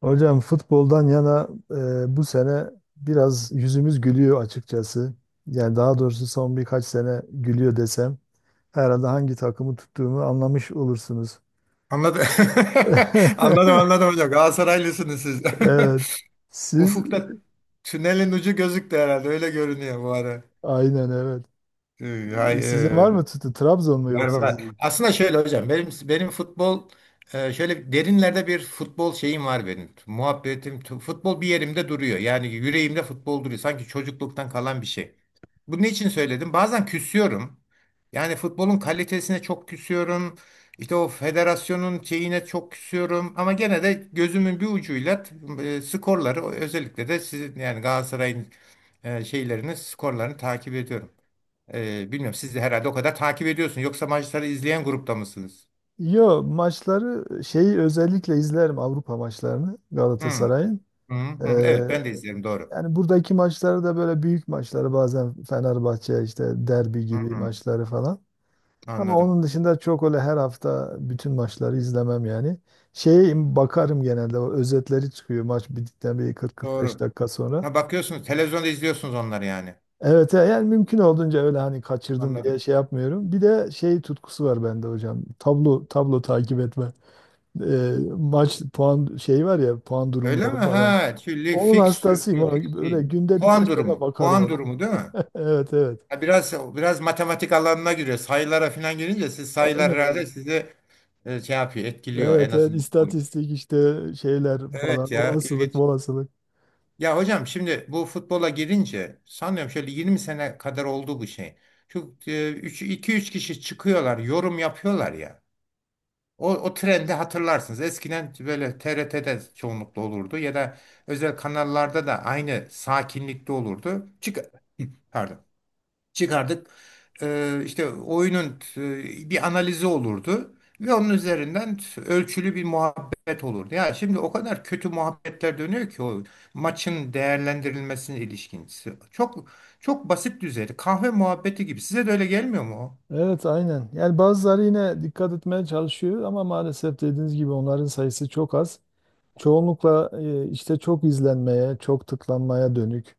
Hocam futboldan yana bu sene biraz yüzümüz gülüyor açıkçası. Yani daha doğrusu son birkaç sene gülüyor desem herhalde hangi takımı tuttuğumu anlamış olursunuz. Anladım. Anladım, anladım hocam. Galatasaraylısınız siz. Evet. Siz Ufukta tünelin ucu gözüktü herhalde. Öyle görünüyor bu ara. aynen evet. Ee, Hay, Sizin var e, mı tuttu? Trabzon mu yoksa Berbat. sizin? Aslında şöyle hocam benim futbol şöyle derinlerde bir futbol şeyim var benim. Muhabbetim futbol bir yerimde duruyor. Yani yüreğimde futbol duruyor. Sanki çocukluktan kalan bir şey. Bunu için söyledim? Bazen küsüyorum. Yani futbolun kalitesine çok küsüyorum. İşte o federasyonun şeyine çok küsüyorum. Ama gene de gözümün bir ucuyla skorları, özellikle de sizin yani Galatasaray'ın şeylerini, skorlarını takip ediyorum. Bilmiyorum, siz de herhalde o kadar takip ediyorsun. Yoksa maçları izleyen grupta mısınız? Yo maçları şeyi özellikle izlerim Avrupa maçlarını Hı, Galatasaray'ın. hı, Ee, hı. Evet, ben de izlerim, doğru. yani buradaki maçları da böyle büyük maçları bazen Fenerbahçe işte derbi Hı, gibi hı. maçları falan. Ama Anladım. onun dışında çok öyle her hafta bütün maçları izlemem yani. Şeye bakarım genelde o özetleri çıkıyor maç bittikten bir 40-45 Doğru. dakika sonra. Ha, bakıyorsunuz, televizyonda izliyorsunuz onları yani. Evet yani mümkün olduğunca öyle hani kaçırdım diye Anladım. şey yapmıyorum. Bir de şey tutkusu var bende hocam. Tablo tablo takip etme. Maç puan şey var ya puan Öyle durumları mi? falan. Ha, şimdi Onun fikstür. hastasıyım. Yok, Ona fix böyle değil. günde Puan birkaç defa durumu. bakarım Puan ona. durumu değil mi? Evet evet. Ha, biraz matematik alanına giriyor. Sayılara falan girince siz, sayılar herhalde Aynen. sizi şey yapıyor, etkiliyor en Evet evet azından. istatistik işte şeyler Evet falan ya, olasılık ilginç. olasılık. Ya hocam, şimdi bu futbola girince sanıyorum şöyle 20 sene kadar oldu bu şey. Şu iki üç kişi çıkıyorlar, yorum yapıyorlar ya. O trendi hatırlarsınız. Eskiden böyle TRT'de çoğunlukla olurdu ya da özel kanallarda da aynı sakinlikte olurdu. Çık Pardon Çıkardık. İşte oyunun bir analizi olurdu ve onun üzerinden ölçülü bir muhabbet olurdu. Ya şimdi o kadar kötü muhabbetler dönüyor ki o maçın değerlendirilmesine ilişkin. Çok çok basit düzeyde, kahve muhabbeti gibi. Size de öyle gelmiyor mu o? Evet aynen. Yani bazıları yine dikkat etmeye çalışıyor ama maalesef dediğiniz gibi onların sayısı çok az. Çoğunlukla işte çok izlenmeye, çok tıklanmaya dönük.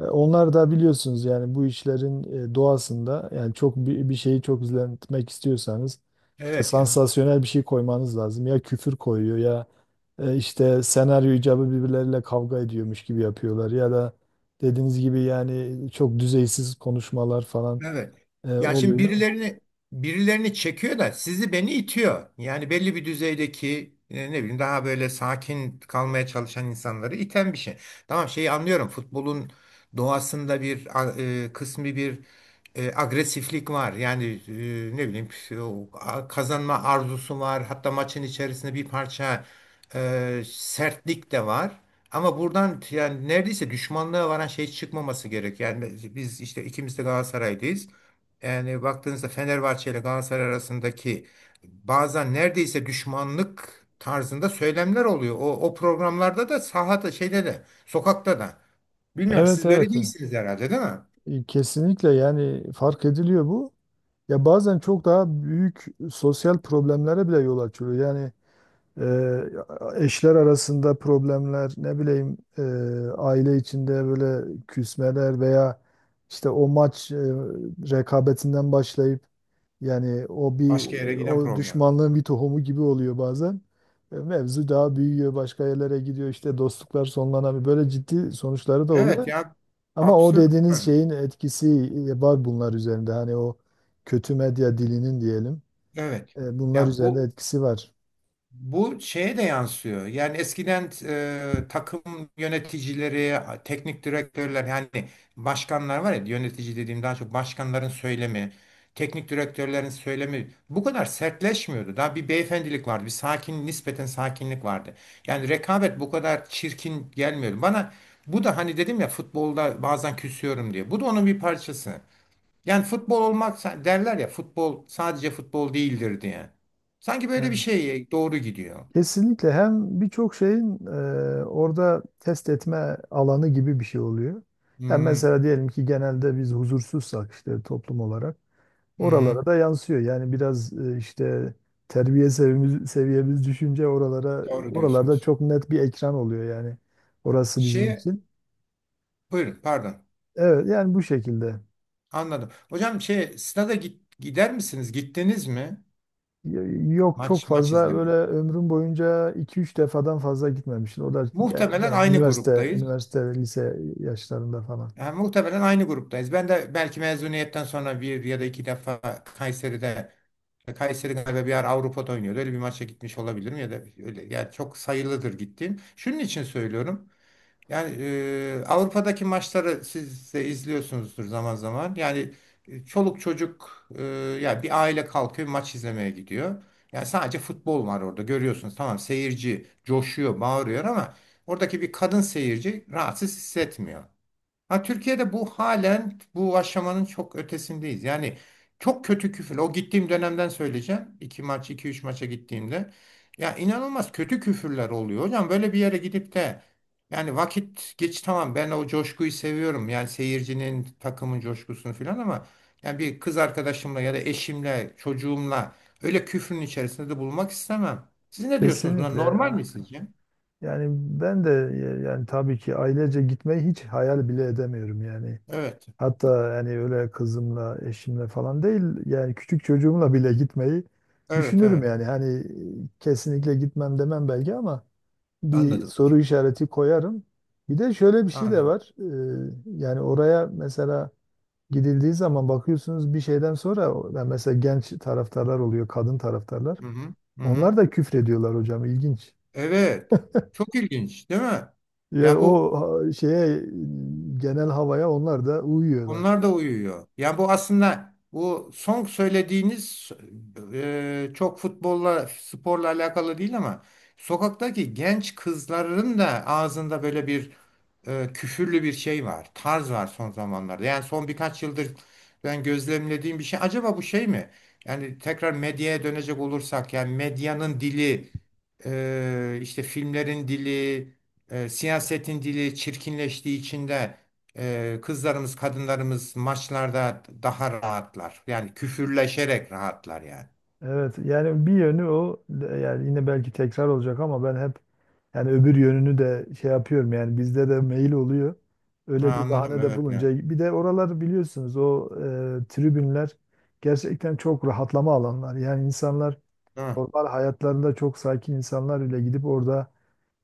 E, onlar da biliyorsunuz yani bu işlerin doğasında yani çok bir şeyi çok izletmek istiyorsanız işte Evet ya. sansasyonel bir şey koymanız lazım. Ya küfür koyuyor ya işte senaryo icabı birbirleriyle kavga ediyormuş gibi yapıyorlar ya da dediğiniz gibi yani çok düzeysiz konuşmalar falan Evet. Ya şimdi oluyor. birilerini birilerini çekiyor da sizi beni itiyor. Yani belli bir düzeydeki e, ne bileyim daha böyle sakin kalmaya çalışan insanları iten bir şey. Tamam şeyi anlıyorum. Futbolun doğasında bir a- e, kısmi bir e, agresiflik var. Yani e, ne bileyim o a- kazanma arzusu var. Hatta maçın içerisinde bir parça e, sertlik de var. Ama buradan yani neredeyse düşmanlığa varan şey çıkmaması gerek. Yani biz işte ikimiz de Galatasaray'dayız. Yani baktığınızda Fenerbahçe ile Galatasaray arasındaki bazen neredeyse düşmanlık tarzında söylemler oluyor. O, o programlarda da sahada şeyde de sokakta da. Bilmiyorum Evet siz böyle evet. değilsiniz herhalde değil mi? E, kesinlikle yani fark ediliyor bu. Ya bazen çok daha büyük sosyal problemlere bile yol açıyor. Yani eşler arasında problemler, ne bileyim aile içinde böyle küsmeler veya işte o maç rekabetinden başlayıp yani o bir Başka yere giden o program. düşmanlığın bir tohumu gibi oluyor bazen. E, mevzu daha büyüyor, başka yerlere gidiyor işte dostluklar sonlanabiliyor. Böyle ciddi sonuçları da Evet oluyor. ya Ama o absürt. dediğiniz Yani. şeyin etkisi var bunlar üzerinde. Hani o kötü medya dilinin diyelim. Evet. Bunlar Ya üzerinde bu etkisi var. Bu şeye de yansıyor. Yani eskiden takım yöneticileri, teknik direktörler, yani başkanlar var ya, yönetici dediğim daha çok başkanların söylemi, teknik direktörlerin söylemi bu kadar sertleşmiyordu. Daha bir beyefendilik vardı, bir sakin, nispeten sakinlik vardı. Yani rekabet bu kadar çirkin gelmiyordu bana. Bu da hani dedim ya, futbolda bazen küsüyorum diye. Bu da onun bir parçası. Yani futbol olmak derler ya, futbol sadece futbol değildir diye. Sanki Evet. böyle bir şeye doğru gidiyor. Kesinlikle hem birçok şeyin orada test etme alanı gibi bir şey oluyor. Yani Hmm, mesela diyelim ki genelde biz huzursuzsak işte toplum olarak oralara hmm, da yansıyor. Yani biraz işte terbiye seviyemiz, seviyemiz düşünce oralara doğru oralarda diyorsunuz. çok net bir ekran oluyor yani. Orası bizim Şey, için. buyurun, pardon. Evet yani bu şekilde. Anladım. Hocam şey, gider misiniz? Gittiniz mi? Yok çok Maç, maç fazla böyle izlemeye. ömrüm boyunca iki üç defadan fazla gitmemiştim. O da Muhtemelen genelde aynı üniversite, gruptayız. üniversite ve lise yaşlarında falan. Yani muhtemelen aynı gruptayız. Ben de belki mezuniyetten sonra bir ya da iki defa Kayseri galiba bir ara Avrupa'da oynuyordu. Öyle bir maça gitmiş olabilirim ya da öyle, yani çok sayılıdır gittiğim. Şunun için söylüyorum. Yani Avrupa'daki maçları siz de izliyorsunuzdur zaman zaman. Yani çoluk çocuk, ya bir aile kalkıyor maç izlemeye gidiyor. Yani sadece futbol var orada, görüyorsunuz. Tamam, seyirci coşuyor, bağırıyor ama oradaki bir kadın seyirci rahatsız hissetmiyor. Ha, Türkiye'de bu halen, bu aşamanın çok ötesindeyiz. Yani çok kötü küfür. O gittiğim dönemden söyleyeceğim. İki üç maça gittiğimde. Ya inanılmaz kötü küfürler oluyor. Hocam böyle bir yere gidip de, yani vakit geç, tamam ben o coşkuyu seviyorum. Yani seyircinin, takımın coşkusunu falan ama yani bir kız arkadaşımla ya da eşimle, çocuğumla öyle küfrün içerisinde de bulunmak istemem. Siz ne diyorsunuz buna? Kesinlikle, Normal ya. mi sizce? Yani ben de yani tabii ki ailece gitmeyi hiç hayal bile edemiyorum yani. Evet. Hatta yani öyle kızımla, eşimle falan değil yani küçük çocuğumla bile gitmeyi Evet, düşünürüm evet. yani. Hani kesinlikle gitmem demem belki ama bir Anladım soru hocam. işareti koyarım. Bir de şöyle bir şey de Anladım. var. Yani oraya mesela gidildiği zaman bakıyorsunuz bir şeyden sonra yani mesela genç taraftarlar oluyor, kadın taraftarlar. Hı hı. Hı hı. Onlar da küfrediyorlar hocam ilginç. Evet. Çok ilginç, değil mi? Yani Ya bu o ha, şeye genel havaya onlar da uyuyorlar. Onlar da uyuyor. Yani bu aslında, bu son söylediğiniz çok futbolla, sporla alakalı değil ama sokaktaki genç kızların da ağzında böyle bir küfürlü bir şey var. Tarz var son zamanlarda. Yani son birkaç yıldır ben gözlemlediğim bir şey. Acaba bu şey mi? Yani tekrar medyaya dönecek olursak, yani medyanın dili, işte filmlerin dili, siyasetin dili çirkinleştiği içinde, kızlarımız, kadınlarımız maçlarda daha rahatlar. Yani küfürleşerek rahatlar yani. Evet yani bir yönü o yani yine belki tekrar olacak ama ben hep yani öbür yönünü de şey yapıyorum yani bizde de mail oluyor. Ha, Öyle bir anladım, bahane de evet ya. bulunca bir de oralar biliyorsunuz o tribünler gerçekten çok rahatlama alanlar. Yani insanlar Değil. normal hayatlarında çok sakin insanlar bile gidip orada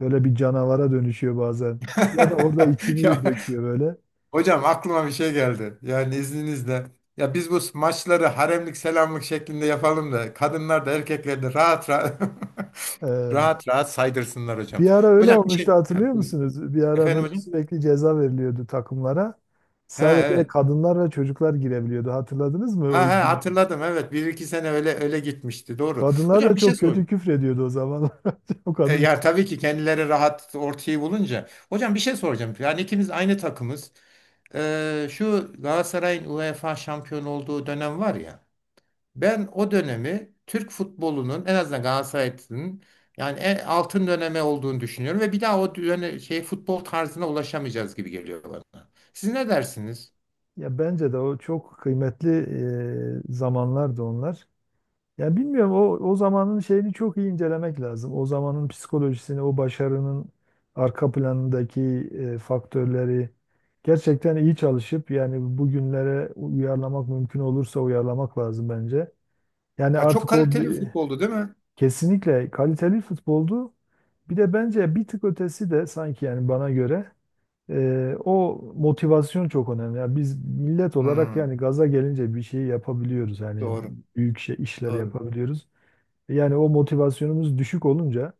böyle bir canavara dönüşüyor bazen. Ya da orada Ya içini döküyor böyle. hocam, aklıma bir şey geldi. Yani izninizle. Ya biz bu maçları haremlik selamlık şeklinde yapalım da kadınlar da, erkekler de rahat rahat E, rahat rahat saydırsınlar hocam. bir ara öyle Hocam bir olmuştu şey hatırlıyor yani, buyurun. musunuz? Bir ara Efendim böyle hocam. sürekli ceza veriliyordu takımlara. Ha, Sadece evet. kadınlar ve çocuklar girebiliyordu. Hatırladınız mı Ha, o ha, günleri? hatırladım, evet. Bir iki sene öyle öyle gitmişti. Doğru. Kadınlar da Hocam bir şey çok kötü soracağım. küfrediyordu o zamanlar. O kadın. Ya tabii ki kendileri rahat, ortayı bulunca. Hocam bir şey soracağım. Yani ikimiz aynı takımız. Şu Galatasaray'ın UEFA şampiyon olduğu dönem var ya. Ben o dönemi Türk futbolunun, en azından Galatasaray'ın yani en altın döneme olduğunu düşünüyorum ve bir daha şey futbol tarzına ulaşamayacağız gibi geliyor bana. Siz ne dersiniz? Ya bence de o çok kıymetli zamanlardı onlar. Yani bilmiyorum o zamanın şeyini çok iyi incelemek lazım. O zamanın psikolojisini, o başarının arka planındaki faktörleri gerçekten iyi çalışıp yani bugünlere uyarlamak mümkün olursa uyarlamak lazım bence. Yani Ya çok artık o kaliteli bir bir, futboldu, değil mi? kesinlikle kaliteli futboldu. Bir de bence bir tık ötesi de sanki yani bana göre o motivasyon çok önemli. Yani biz millet olarak Hmm, yani gaza gelince bir şey yapabiliyoruz. Yani doğru, büyük şey, işler doğru, yapabiliyoruz. Yani o motivasyonumuz düşük olunca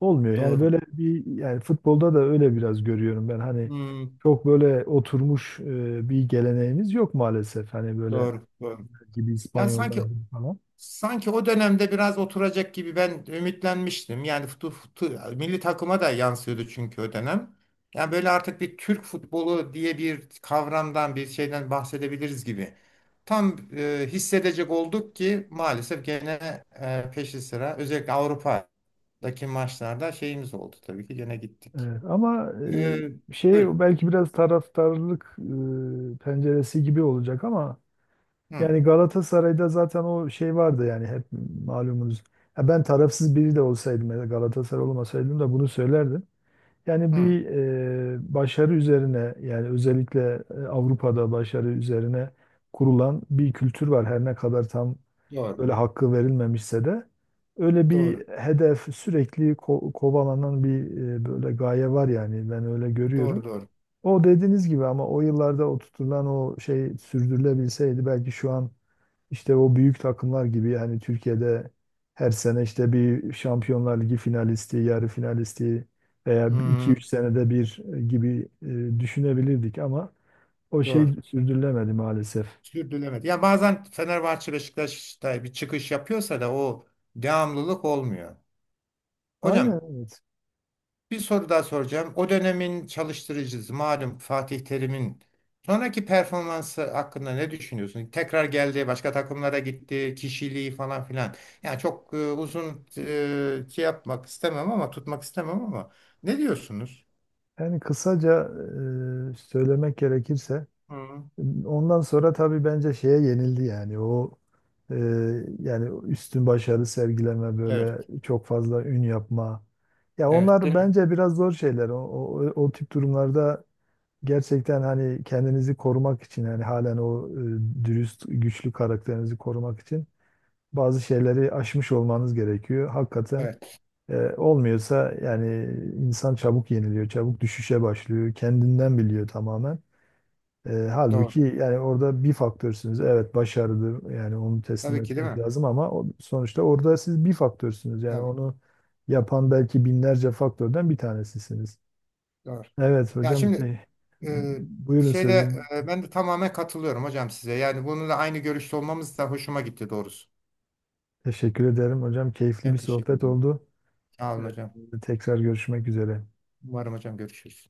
olmuyor. Yani doğru. böyle bir yani futbolda da öyle biraz görüyorum ben. Hani Hmm, çok böyle oturmuş bir geleneğimiz yok maalesef. Hani böyle doğru. gibi Yani İspanyollar sanki gibi falan. Sanki o dönemde biraz oturacak gibi ben ümitlenmiştim. Yani milli takıma da yansıyordu çünkü o dönem. Yani böyle artık bir Türk futbolu diye bir kavramdan, bir şeyden bahsedebiliriz gibi. Tam hissedecek olduk ki maalesef gene peşi sıra, özellikle Avrupa'daki maçlarda şeyimiz oldu tabii ki, gene gittik. Evet, ama E, Buyurun. şey belki biraz taraftarlık penceresi gibi olacak ama Hı, yani Galatasaray'da zaten o şey vardı yani hep malumunuz. Ha, ben tarafsız biri de olsaydım ya da Galatasaray olmasaydım da bunu söylerdim. Yani hı. bir başarı üzerine yani özellikle Avrupa'da başarı üzerine kurulan bir kültür var. Her ne kadar tam Doğru. böyle hakkı verilmemişse de öyle Doğru. bir hedef sürekli kovalanan bir böyle gaye var yani ben öyle Doğru görüyorum. doğru. O dediğiniz gibi ama o yıllarda oturtulan o şey sürdürülebilseydi belki şu an işte o büyük takımlar gibi yani Türkiye'de her sene işte bir Şampiyonlar Ligi finalisti, yarı finalisti veya Hı, 2-3 senede bir gibi düşünebilirdik ama o şey doğru. sürdürülemedi maalesef. Sürdürülemedi. Ya bazen Fenerbahçe, Beşiktaş'ta bir çıkış yapıyorsa da o devamlılık olmuyor. Aynen Hocam evet. bir soru daha soracağım. O dönemin çalıştırıcısı, malum Fatih Terim'in sonraki performansı hakkında ne düşünüyorsun? Tekrar geldi, başka takımlara gitti, kişiliği falan filan. Yani çok uzun şey yapmak istemem ama tutmak istemem ama ne diyorsunuz? Yani kısaca söylemek gerekirse Hı. ondan sonra tabii bence şeye yenildi yani o e, yani üstün başarı sergileme Evet. böyle çok fazla ün yapma. Ya Evet, onlar değil mi? bence biraz zor şeyler. O tip durumlarda gerçekten hani kendinizi korumak için yani halen o dürüst güçlü karakterinizi korumak için bazı şeyleri aşmış olmanız gerekiyor. Hakikaten Evet, olmuyorsa yani insan çabuk yeniliyor, çabuk düşüşe başlıyor. Kendinden biliyor tamamen. E, doğru. halbuki yani orada bir faktörsünüz. Evet başarılı yani onu teslim Tabii ki değil etmek mi? lazım ama o, sonuçta orada siz bir faktörsünüz. Yani Tabii, onu yapan belki binlerce faktörden bir tanesisiniz. doğru. Evet Ya hocam şimdi e, buyurun şeyde, sözüm. Ben de tamamen katılıyorum hocam size. Yani bununla aynı görüşte olmamız da hoşuma gitti doğrusu. Teşekkür ederim hocam. Keyifli bir Ben teşekkür sohbet ederim. oldu. Sağ olun Evet. hocam. Tekrar görüşmek üzere. Umarım hocam, görüşürüz.